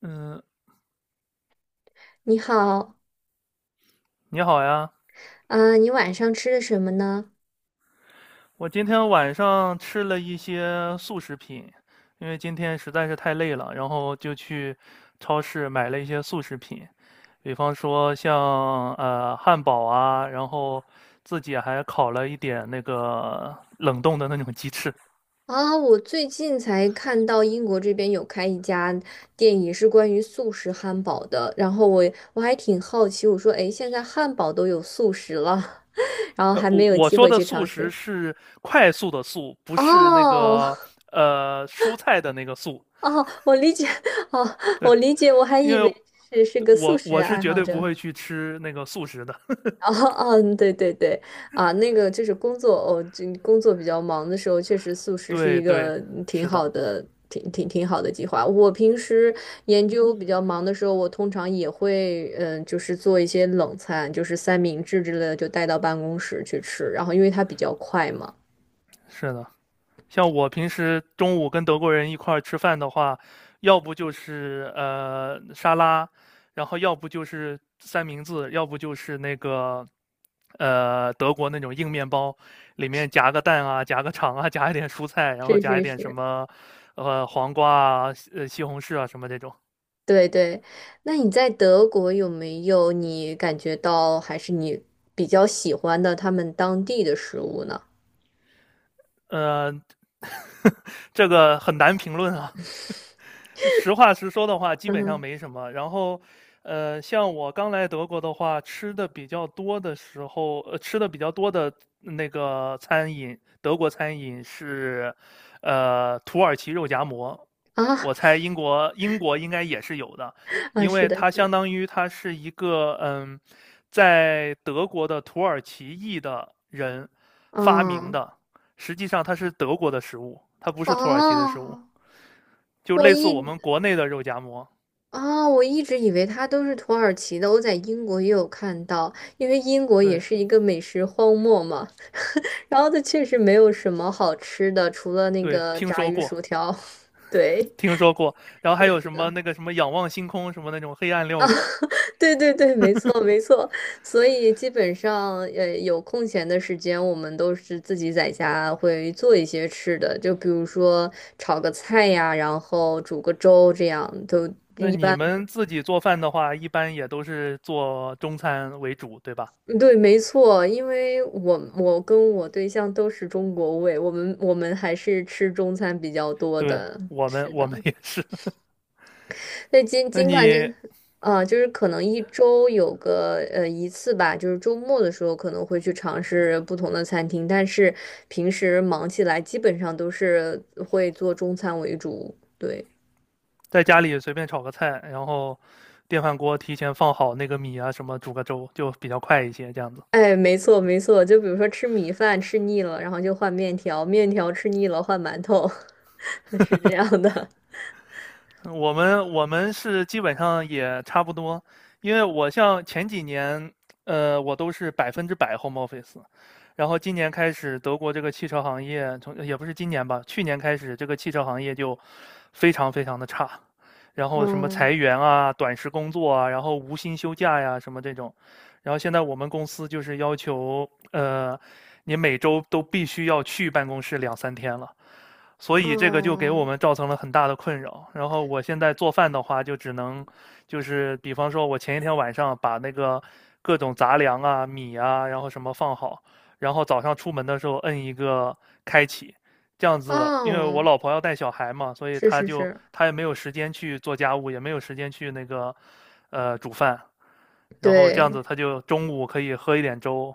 嗯，你好。你好呀，啊，你晚上吃的什么呢？我今天晚上吃了一些速食品，因为今天实在是太累了，然后就去超市买了一些速食品，比方说像汉堡啊，然后自己还烤了一点那个冷冻的那种鸡翅。啊，我最近才看到英国这边有开一家店，也是关于素食汉堡的。然后我还挺好奇，我说，诶，现在汉堡都有素食了，然后呃，还我没有我机说会的去速尝食试。是快速的速，不是那哦个蔬菜的那个速。哦，我理解，哦，对，我理解，我还因以为为是个素我食我是爱绝好对不者。会去吃那个速食的。哦，嗯，对对对。啊，那个就是工作哦，这工作比较忙的时候，确实素食是对一对，个挺是的，好的、挺好的计划。我平时研究比较忙的时候，我通常也会，就是做一些冷餐，就是三明治之类的，就带到办公室去吃。然后，因为它比较快嘛。是的。像我平时中午跟德国人一块儿吃饭的话，要不就是沙拉，然后要不就是三明治，要不就是那个德国那种硬面包，里面 夹个蛋啊，夹个肠啊，夹一点蔬菜，然后是夹一是点什是，么黄瓜啊、西红柿啊什么这种。对对。那你在德国有没有你感觉到还是你比较喜欢的他们当地的食物呢？呃，这个很难评论啊，实话实说的话，基嗯本上哼。没什么。然后，像我刚来德国的话，吃的比较多的时候，吃的比较多的那个餐饮，德国餐饮是，土耳其肉夹馍。啊。我猜英国应该也是有的，啊，因是为的，它是的。相当于它是一个在德国的土耳其裔的人发明嗯。的，实际上它是德国的食物，它不是土耳其的食物。哦，就我类似我一们国内的肉夹馍。啊、我一直以为它都是土耳其的，我在英国也有看到，因为英国也对是一个美食荒漠嘛。然后它确实没有什么好吃的，除了那对，个听炸说鱼过，薯条。对。听说过。然后是还的，有是什么的。那个什么仰望星空什么那种黑暗料理。对对对，没错没错。所以基本上，有空闲的时间，我们都是自己在家会做一些吃的，就比如说炒个菜呀，然后煮个粥，这样都那你们自己做饭的话，一般也都是做中餐为主，对吧？对，没错。因为我跟我对象都是中国胃，我们还是吃中餐比较多对，的。我们也是。那尽那尽管就，你啊，就是可能一周有个一次吧，就是周末的时候可能会去尝试不同的餐厅，但是平时忙起来基本上都是会做中餐为主。对。在家里随便炒个菜，然后电饭锅提前放好那个米啊，什么煮个粥，就比较快一些，这样子。哎，没错没错，就比如说吃米饭吃腻了，然后就换面条，面条吃腻了换馒头，是这样的。我们是基本上也差不多，因为我像前几年，我都是100% home office,然后今年开始，德国这个汽车行业从也不是今年吧，去年开始这个汽车行业就非常非常的差，然后什么裁嗯。员啊、短时工作啊，然后无薪休假呀什么这种，然后现在我们公司就是要求，呃，你每周都必须要去办公室两三天了。所以这个就给我哦。们造成了很大的困扰。然后我现在做饭的话，就只能就是比方说，我前一天晚上把那个各种杂粮啊、米啊，然后什么放好，然后早上出门的时候摁一个开启，这样子，因为我哦，老婆要带小孩嘛，所以是她是就是。她也没有时间去做家务，也没有时间去那个煮饭，然后这样子对，她就中午可以喝一点粥，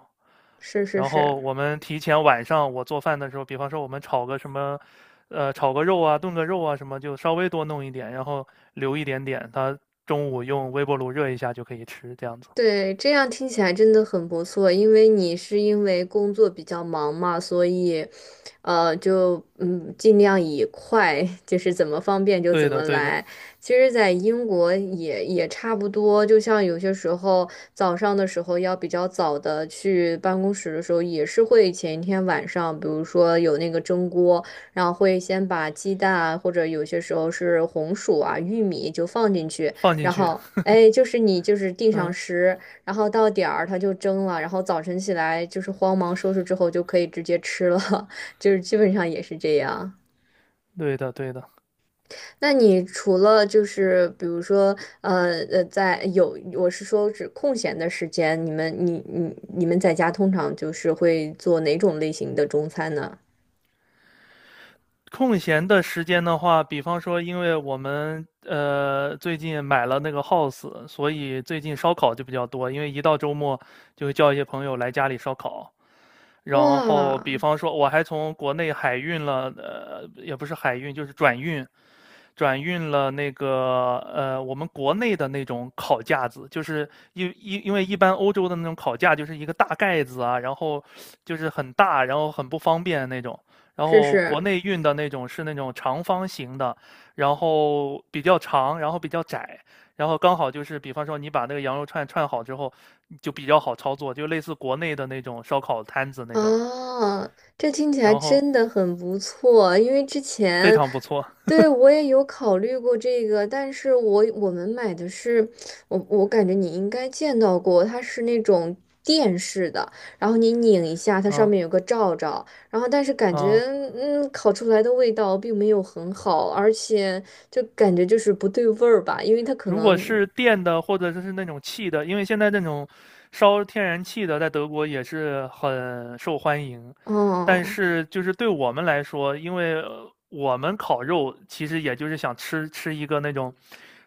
是是然是。后我们提前晚上我做饭的时候，比方说我们炒个什么，炒个肉啊，炖个肉啊什么，就稍微多弄一点，然后留一点点，它中午用微波炉热一下就可以吃，这样子。对，这样听起来真的很不错，因为你是因为工作比较忙嘛，所以，就尽量以快，就是怎么方便就怎对么的，对的，来。其实，在英国也差不多，就像有些时候早上的时候要比较早的去办公室的时候，也是会前一天晚上，比如说有那个蒸锅，然后会先把鸡蛋啊或者有些时候是红薯啊、玉米就放进去。放进然去。后哎，你就是定上嗯，时，然后到点儿它就蒸了，然后早晨起来就是慌忙收拾之后就可以直接吃了，就是基本上也是这样。对的，对的。那你除了就是比如说在有我是说指空闲的时间，你们在家通常就是会做哪种类型的中餐呢？空闲的时间的话，比方说，因为我们最近买了那个 house,所以最近烧烤就比较多。因为一到周末，就会叫一些朋友来家里烧烤，然后，哇，比方说，我还从国内海运了，也不是海运，就是转运，转运了那个，我们国内的那种烤架子，就是因为一般欧洲的那种烤架就是一个大盖子啊，然后就是很大，然后很不方便那种。然试后国试。内运的那种是那种长方形的，然后比较长，然后比较窄，然后刚好就是，比方说你把那个羊肉串串好之后，就比较好操作，就类似国内的那种烧烤摊子那种。哦，这听起然来后真的很不错，因为之非前，常不错，对，我也有考虑过这个，但是我们买的是，我感觉你应该见到过，它是那种电式的，然后你拧一下，它上嗯面有个罩罩，然后但是感觉，嗯。嗯，烤出来的味道并没有很好，而且就感觉就是不对味儿吧，因为它可如果能，是电的或者是那种气的，因为现在那种烧天然气的在德国也是很受欢迎，但哦，是就是对我们来说，因为我们烤肉其实也就是想吃一个那种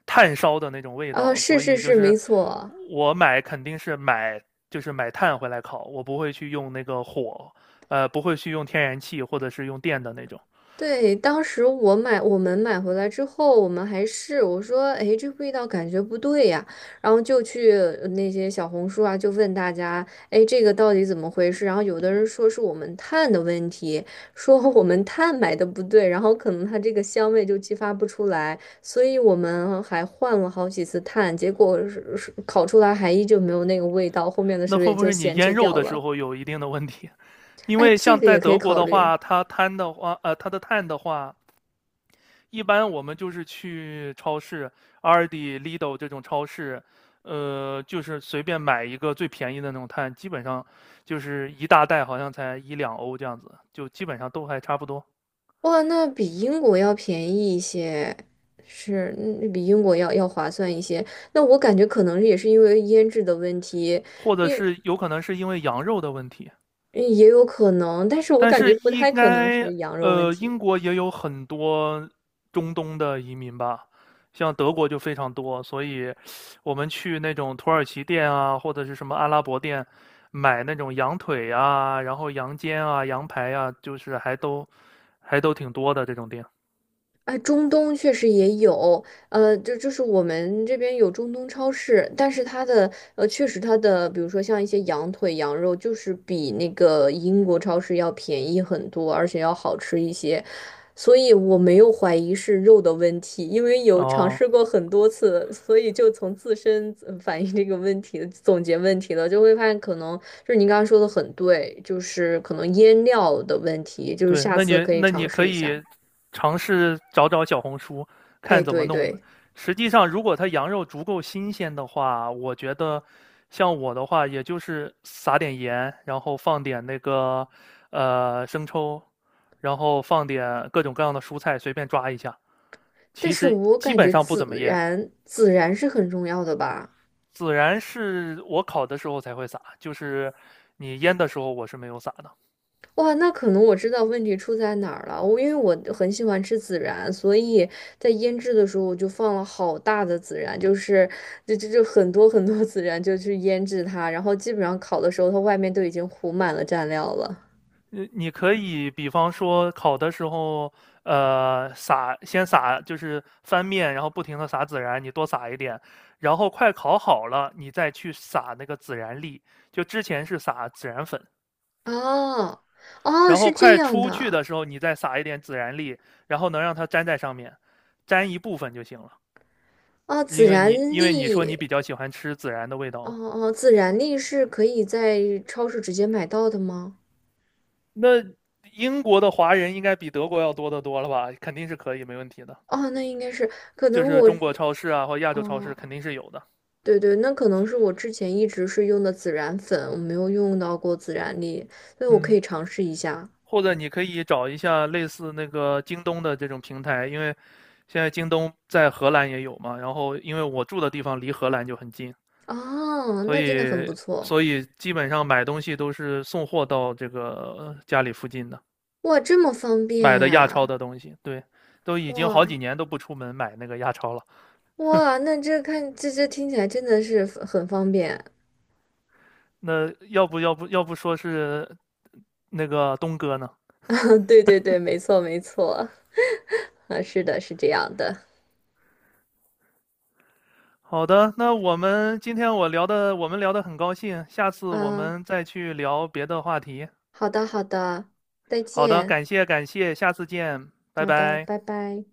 炭烧的那种味啊，道，是所是以就是，没是错。我买肯定是买就是买炭回来烤，我不会去用那个火，不会去用天然气或者是用电的那种。对，当时我买，我们买回来之后，我们还试，我说，哎，这味道感觉不对呀，然后就去那些小红书啊，就问大家，哎，这个到底怎么回事？然后有的人说是我们碳的问题，说 我们碳买的不对，然后可能它这个香味就激发不出来，所以我们还换了好几次碳，结果是烤出来还依旧没有那个味道，后面的时那候也会不就会你闲腌置肉掉的时了。候有一定的问题？因哎，为这像个在也可以德国考的虑。话，它碳的话，它的碳的话，一般我们就是去超市 Aldi Lidl 这种超市，就是随便买一个最便宜的那种碳，基本上就是一大袋，好像才一两欧这样子，就基本上都还差不多。哇，那比英国要便宜一些，是，比英国要划算一些。那我感觉可能也是因为腌制的问题，或者是有可能是因为羊肉的问题，嗯也有可能，但是我但感觉是不应太可能该，是羊肉问英题。国也有很多中东的移民吧，像德国就非常多，所以我们去那种土耳其店啊，或者是什么阿拉伯店，买那种羊腿啊，然后羊肩啊、羊排啊，就是还都挺多的这种店。哎，中东确实也有，就是我们这边有中东超市，但是它的确实它的，比如说像一些羊腿、羊肉，就是比那个英国超市要便宜很多，而且要好吃一些，所以我没有怀疑是肉的问题，因为有尝哦，试过很多次，所以就从自身反映这个问题，总结问题了，就会发现可能就是您刚刚说的很对，就是可能腌料的问题，就是对，下那次你可以那尝你可试一下。以尝试找找小红书，哎，看怎么对弄的。对。实际上，如果它羊肉足够新鲜的话，我觉得像我的话，也就是撒点盐，然后放点那个生抽，然后放点各种各样的蔬菜，随便抓一下。但其是实我基感本觉上不孜怎么腌，然，孜然是很重要的吧？孜然是我烤的时候才会撒，就是你腌的时候我是没有撒的。哇，那可能我知道问题出在哪儿了。我因为我很喜欢吃孜然，所以在腌制的时候我就放了好大的孜然，就是就就就很多很多孜然就去腌制它，然后基本上烤的时候它外面都已经糊满了蘸料了。你可以比方说烤的时候，先撒就是翻面，然后不停的撒孜然，你多撒一点，然后快烤好了，你再去撒那个孜然粒。就之前是撒孜然粉，哦，哦，然后是这快样出去的。的时候，你再撒一点孜然粒，然后能让它粘在上面，粘一部分就行了。啊，孜因为然你因为你说你粒，比较喜欢吃孜然的味道哦嘛，哦，孜然粒是可以在超市直接买到的吗？那英国的华人应该比德国要多得多了吧？肯定是可以，没问题的。哦，那应该是可就能是我。中国超市啊或亚洲超哦，市肯定是有的。对对，那可能是我之前一直是用的孜然粉，我没有用到过孜然粒，所以我可嗯以尝试一下。或者你可以找一下类似那个京东的这种平台，因为现在京东在荷兰也有嘛。然后因为我住的地方离荷兰就很近，哦，所那真的很不以错。所以基本上买东西都是送货到这个家里附近的，哇，这么方买便的亚超呀。的东西。对，都已经哇好几年都不出门买那个亚超了。哇，那这看这这听起来真的是很方便。 那要不说是那个东哥呢？啊对对对，没错没错，啊，是的，是这样的。好的，那我们今天我聊的，我们聊得很高兴，下次我啊，们再去聊别的话题。好的好的，再好的，见。感谢感谢，下次见，拜好的，拜。拜拜。